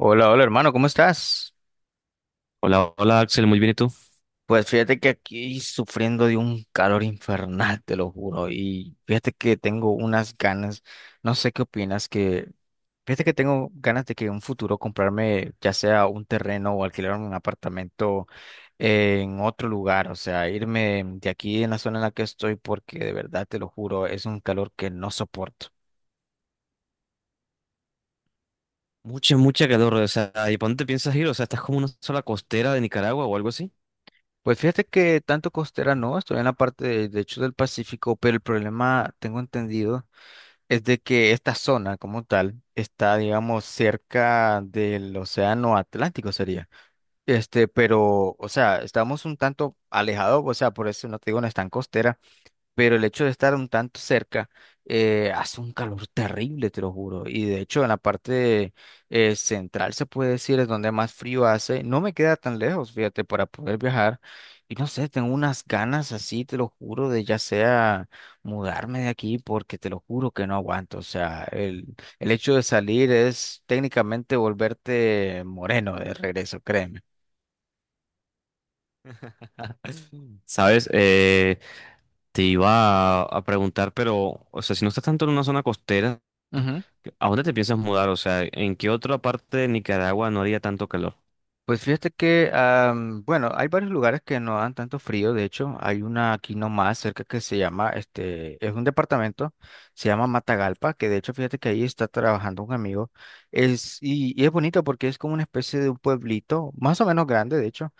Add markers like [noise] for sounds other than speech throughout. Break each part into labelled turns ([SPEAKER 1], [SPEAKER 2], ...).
[SPEAKER 1] Hola, hola hermano, ¿cómo estás?
[SPEAKER 2] Hola, hola Axel, muy bien, ¿y tú?
[SPEAKER 1] Pues fíjate que aquí sufriendo de un calor infernal, te lo juro, y fíjate que tengo unas ganas, no sé qué opinas, que fíjate que tengo ganas de que en un futuro comprarme ya sea un terreno o alquilar un apartamento en otro lugar, o sea, irme de aquí en la zona en la que estoy porque de verdad te lo juro, es un calor que no soporto.
[SPEAKER 2] Mucha, mucha calor, o sea, ¿y para dónde te piensas ir? O sea, ¿estás como en una sola costera de Nicaragua o algo así?
[SPEAKER 1] Pues fíjate que tanto costera no, estoy en la parte de hecho del Pacífico, pero el problema tengo entendido es de que esta zona como tal está, digamos, cerca del océano Atlántico sería. Este, pero, o sea, estamos un tanto alejados, o sea, por eso no te digo, no es tan costera pero el hecho de estar un tanto cerca hace un calor terrible, te lo juro. Y de hecho, en la parte central se puede decir es donde más frío hace. No me queda tan lejos, fíjate, para poder viajar. Y no sé, tengo unas ganas así, te lo juro, de ya sea mudarme de aquí, porque te lo juro que no aguanto. O sea, el hecho de salir es técnicamente volverte moreno de regreso, créeme.
[SPEAKER 2] [laughs] ¿Sabes? Te iba a preguntar, pero, o sea, si no estás tanto en una zona costera, ¿a dónde te piensas mudar? O sea, ¿en qué otra parte de Nicaragua no haría tanto calor?
[SPEAKER 1] Pues fíjate que, bueno, hay varios lugares que no dan tanto frío. De hecho, hay una aquí nomás cerca que se llama, este, es un departamento, se llama Matagalpa, que de hecho, fíjate que ahí está trabajando un amigo. Y es bonito porque es como una especie de un pueblito, más o menos grande, de hecho,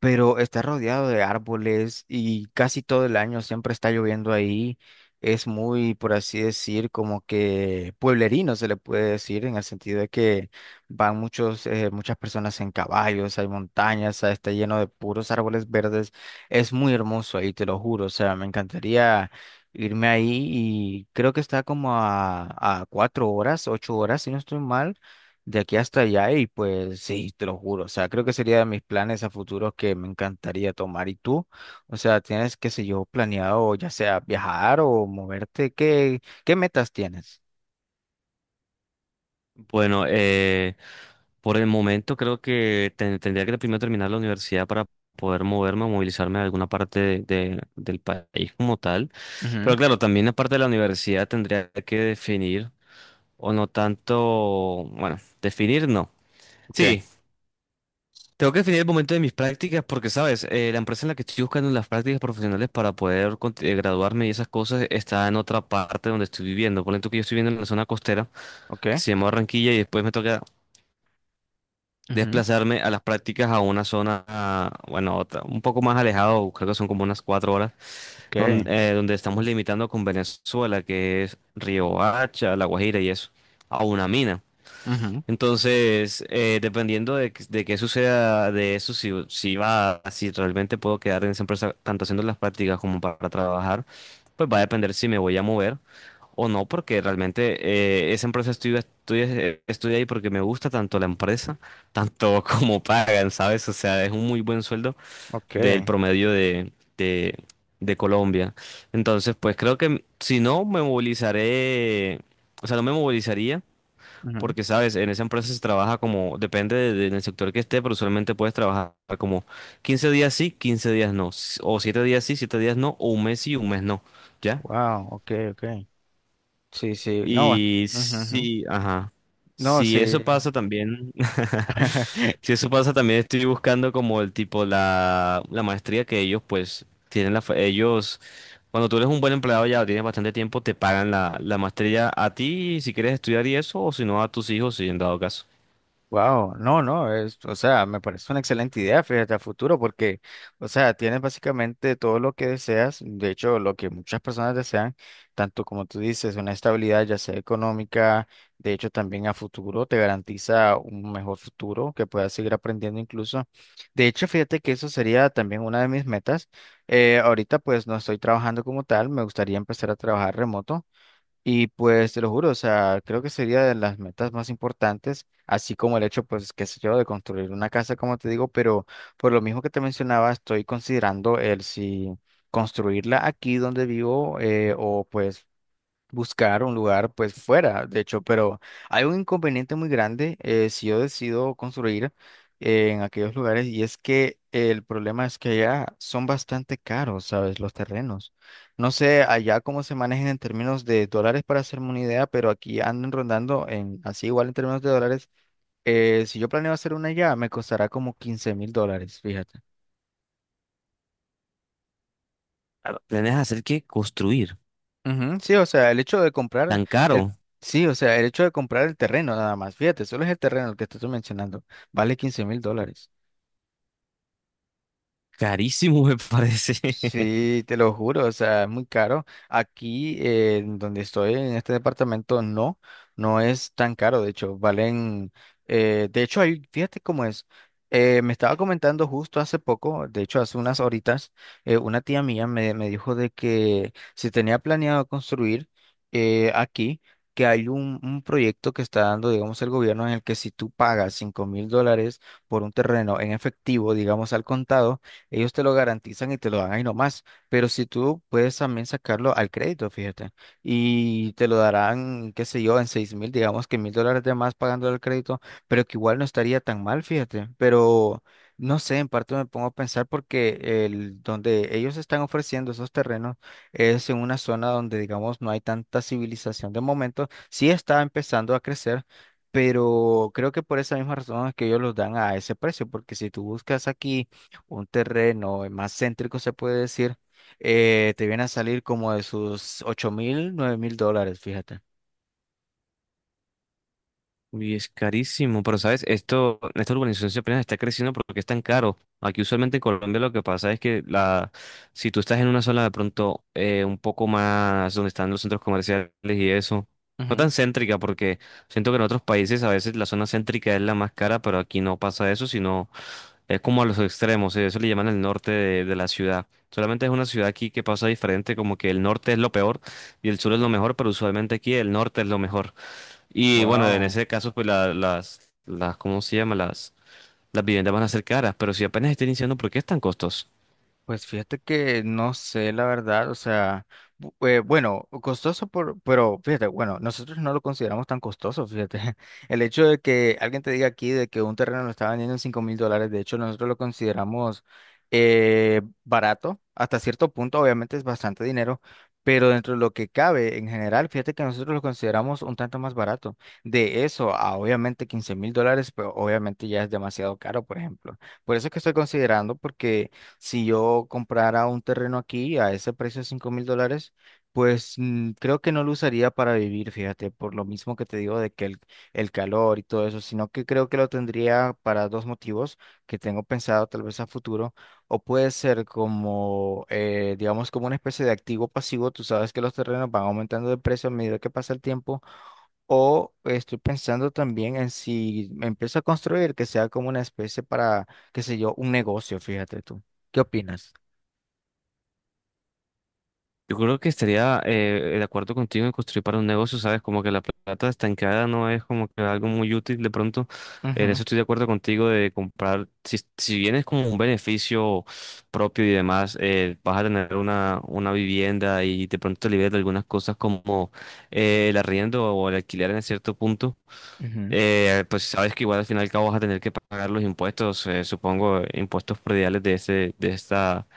[SPEAKER 1] pero está rodeado de árboles y casi todo el año siempre está lloviendo ahí. Es muy, por así decir, como que pueblerino se le puede decir en el sentido de que van muchas personas en caballos, hay montañas, ah, está lleno de puros árboles verdes. Es muy hermoso ahí, te lo juro. O sea, me encantaría irme ahí y creo que está como a 4 horas, 8 horas, si no estoy mal, de aquí hasta allá. Y pues sí, te lo juro. O sea, creo que sería de mis planes a futuro que me encantaría tomar. ¿Y tú? O sea, ¿tienes, qué sé yo, planeado ya sea viajar o moverte? ¿Qué metas tienes?
[SPEAKER 2] Bueno, por el momento creo que tendría que primero terminar la universidad para poder moverme o movilizarme a alguna parte del país como tal. Pero
[SPEAKER 1] Ujú.
[SPEAKER 2] claro, también aparte de la universidad tendría que definir, o no tanto, bueno, definir no.
[SPEAKER 1] Ok,
[SPEAKER 2] Sí, tengo que definir el momento de mis prácticas porque, sabes, la empresa en la que estoy buscando las prácticas profesionales para poder graduarme y esas cosas está en otra parte donde estoy viviendo. Por ejemplo, que yo estoy viviendo en la zona costera
[SPEAKER 1] ok,
[SPEAKER 2] que se llama Barranquilla y después me toca
[SPEAKER 1] ujú,
[SPEAKER 2] desplazarme a las prácticas a una zona, ah, bueno, otra, un poco más alejado, creo que son como unas 4 horas,
[SPEAKER 1] ok.
[SPEAKER 2] donde, donde estamos limitando con Venezuela, que es Riohacha, La Guajira y eso, a una mina.
[SPEAKER 1] Ujú,
[SPEAKER 2] Entonces, dependiendo de qué suceda de eso, si realmente puedo quedar en esa empresa, tanto haciendo las prácticas como para trabajar, pues va a depender si me voy a mover o no, porque realmente esa empresa estudio estoy ahí porque me gusta tanto la empresa, tanto [laughs] como pagan, ¿sabes? O sea, es un muy buen sueldo
[SPEAKER 1] ok,
[SPEAKER 2] del promedio de, de Colombia. Entonces, pues creo que si no, me movilizaré, o sea, no me movilizaría,
[SPEAKER 1] ujú.
[SPEAKER 2] porque, ¿sabes? En esa empresa se trabaja como, depende del sector que esté, pero usualmente puedes trabajar como 15 días sí, 15 días no, o 7 días sí, 7 días no, o un mes sí, un mes no, ¿ya?
[SPEAKER 1] Wow, ok, ok. Sí, sí, no,
[SPEAKER 2] Y
[SPEAKER 1] ujú, ujú.
[SPEAKER 2] sí, ajá.
[SPEAKER 1] No,
[SPEAKER 2] Si
[SPEAKER 1] sí.
[SPEAKER 2] eso pasa también, [laughs] si
[SPEAKER 1] [laughs]
[SPEAKER 2] eso pasa también estoy buscando como el tipo, la maestría que ellos pues tienen, ellos, cuando tú eres un buen empleado ya tienes bastante tiempo, te pagan la maestría a ti si quieres estudiar y eso, o si no a tus hijos, si en dado caso.
[SPEAKER 1] Wow, no, no, es, o sea, me parece una excelente idea, fíjate, a futuro, porque, o sea, tienes básicamente todo lo que deseas, de hecho, lo que muchas personas desean, tanto como tú dices, una estabilidad ya sea económica, de hecho, también a futuro te garantiza un mejor futuro, que puedas seguir aprendiendo incluso. De hecho, fíjate que eso sería también una de mis metas. Ahorita, pues, no estoy trabajando como tal, me gustaría empezar a trabajar remoto. Y pues te lo juro, o sea, creo que sería de las metas más importantes, así como el hecho, pues, qué sé yo, de construir una casa, como te digo, pero por lo mismo que te mencionaba, estoy considerando el si construirla aquí donde vivo o pues buscar un lugar pues fuera, de hecho, pero hay un inconveniente muy grande si yo decido construir en aquellos lugares y es que el problema es que allá son bastante caros, ¿sabes? Los terrenos. No sé allá cómo se manejan en términos de dólares para hacerme una idea, pero aquí andan rondando en así igual en términos de dólares. Si yo planeo hacer una allá, me costará como $15.000, fíjate.
[SPEAKER 2] Claro, ¿planeas hacer qué? Construir.
[SPEAKER 1] Ujú. Sí, o sea, el hecho de comprar
[SPEAKER 2] Tan
[SPEAKER 1] el,
[SPEAKER 2] caro.
[SPEAKER 1] sí, o sea, el hecho de comprar el terreno nada más, fíjate, solo es el terreno el que te estoy mencionando, vale $15.000.
[SPEAKER 2] Carísimo me parece. [laughs]
[SPEAKER 1] Sí, te lo juro, o sea, es muy caro. Aquí, en donde estoy, en este departamento, no, no es tan caro, de hecho, valen, de hecho, ahí, fíjate cómo es. Me estaba comentando justo hace poco, de hecho, hace unas horitas, una tía mía me dijo de que se tenía planeado construir aquí, que hay un proyecto que está dando, digamos, el gobierno en el que si tú pagas $5.000 por un terreno en efectivo, digamos, al contado, ellos te lo garantizan y te lo dan ahí nomás, pero si tú puedes también sacarlo al crédito, fíjate, y te lo darán, qué sé yo, en 6.000, digamos que $1.000 de más pagando el crédito, pero que igual no estaría tan mal, fíjate, pero no sé, en parte me pongo a pensar porque el, donde ellos están ofreciendo esos terrenos es en una zona donde, digamos, no hay tanta civilización de momento, sí está empezando a crecer. Pero creo que por esa misma razón es que ellos los dan a ese precio, porque si tú buscas aquí un terreno más céntrico, se puede decir, te viene a salir como de sus 8.000, $9.000, fíjate.
[SPEAKER 2] Uy, es carísimo, pero sabes, esta urbanización se apenas está creciendo porque es tan caro. Aquí usualmente en Colombia lo que pasa es que si tú estás en una zona de pronto un poco más donde están los centros comerciales y eso, no tan céntrica porque siento que en otros países a veces la zona céntrica es la más cara, pero aquí no pasa eso, sino es como a los extremos, eso le llaman el norte de la ciudad. Solamente es una ciudad aquí que pasa diferente, como que el norte es lo peor y el sur es lo mejor, pero usualmente aquí el norte es lo mejor. Y bueno, en
[SPEAKER 1] Wow.
[SPEAKER 2] ese caso, pues las, ¿cómo se llama? Las viviendas van a ser caras, pero si apenas estén iniciando, ¿por qué es tan costoso?
[SPEAKER 1] Pues fíjate que no sé la verdad, o sea, bueno, costoso por, pero fíjate, bueno, nosotros no lo consideramos tan costoso, fíjate. [laughs] El hecho de que alguien te diga aquí de que un terreno lo está vendiendo en $5.000, de hecho nosotros lo consideramos barato, hasta cierto punto obviamente es bastante dinero, pero dentro de lo que cabe en general, fíjate que nosotros lo consideramos un tanto más barato. De eso a obviamente $15.000, pero obviamente ya es demasiado caro, por ejemplo. Por eso es que estoy considerando porque... Si yo comprara un terreno aquí a ese precio de $5.000, pues creo que no lo usaría para vivir, fíjate, por lo mismo que te digo de que el calor y todo eso, sino que creo que lo tendría para dos motivos que tengo pensado tal vez a futuro, o puede ser como, digamos, como una especie de activo pasivo, tú sabes que los terrenos van aumentando de precio a medida que pasa el tiempo, o estoy pensando también en si me empiezo a construir que sea como una especie para, qué sé yo, un negocio, fíjate tú. ¿Qué opinas?
[SPEAKER 2] Yo creo que estaría, de acuerdo contigo en construir para un negocio, ¿sabes? Como que la plata estancada no es como que algo muy útil de pronto. En eso
[SPEAKER 1] Ujú,
[SPEAKER 2] estoy de acuerdo contigo de comprar, si bien es como un beneficio propio y demás, vas a tener una vivienda y de pronto te liberas de algunas cosas como el arriendo o el alquiler en cierto punto.
[SPEAKER 1] ujú.
[SPEAKER 2] Pues sabes que igual al final y al cabo vas a tener que pagar los impuestos, supongo, impuestos prediales de este, de esta,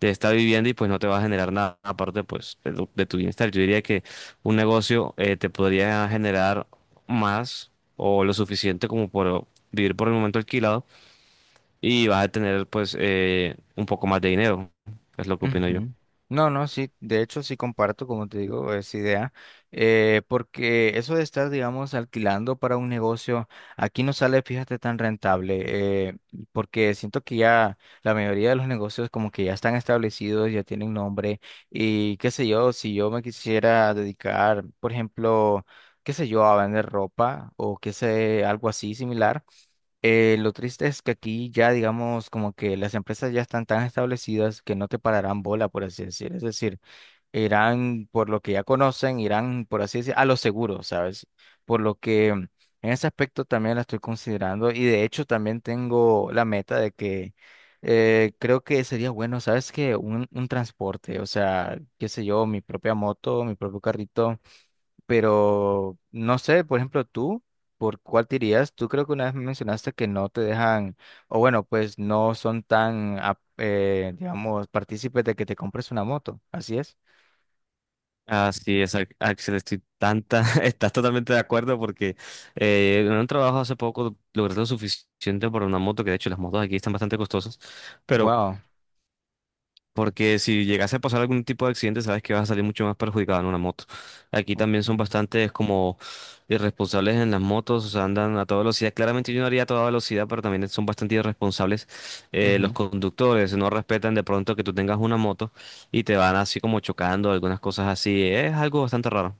[SPEAKER 2] de esta vivienda y pues no te va a generar nada aparte pues de tu bienestar. Yo diría que un negocio, te podría generar más o lo suficiente como por vivir por el momento alquilado y vas a tener pues, un poco más de dinero, es lo que opino yo.
[SPEAKER 1] Ujú. No, no, sí, de hecho sí comparto, como te digo, esa idea, porque eso de estar, digamos, alquilando para un negocio, aquí no sale, fíjate, tan rentable, porque siento que ya la mayoría de los negocios como que ya están establecidos, ya tienen nombre, y qué sé yo, si yo me quisiera dedicar, por ejemplo, qué sé yo, a vender ropa o qué sé, algo así similar. Lo triste es que aquí ya, digamos, como que las empresas ya están tan establecidas que no te pararán bola, por así decir. Es decir, irán por lo que ya conocen, irán, por así decir, a lo seguro, ¿sabes? Por lo que en ese aspecto también la estoy considerando y de hecho también tengo la meta de que creo que sería bueno, ¿sabes? Que un transporte, o sea, qué sé yo, mi propia moto, mi propio carrito. Pero no sé, por ejemplo, tú, ¿por cuál te irías? Tú creo que una vez me mencionaste que no te dejan, o bueno, pues no son tan, digamos, partícipes de que te compres una moto. Así es.
[SPEAKER 2] Así es, Axel, estoy tanta, [laughs] estás totalmente de acuerdo porque en un trabajo hace poco logré lo suficiente por una moto, que de hecho las motos aquí están bastante costosas, pero
[SPEAKER 1] Wow.
[SPEAKER 2] porque si llegase a pasar algún tipo de accidente, sabes que vas a salir mucho más perjudicado en una moto. Aquí
[SPEAKER 1] Ok.
[SPEAKER 2] también son bastantes como irresponsables en las motos, o sea, andan a toda velocidad. Claramente yo no haría a toda velocidad, pero también son bastante irresponsables, los conductores, no respetan de pronto que tú tengas una moto y te van así como chocando, algunas cosas así, es algo bastante raro.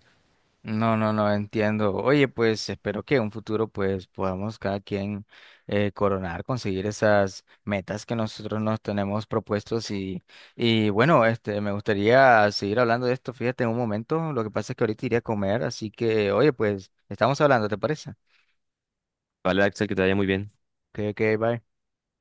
[SPEAKER 1] No, no, no entiendo. Oye, pues espero que en un futuro pues podamos cada quien coronar, conseguir esas metas que nosotros nos tenemos propuestos y bueno, este, me gustaría seguir hablando de esto, fíjate, en un momento, lo que pasa es que ahorita iré a comer, así que oye, pues estamos hablando, ¿te parece?
[SPEAKER 2] Vale, Axel, que te vaya muy bien.
[SPEAKER 1] Bye.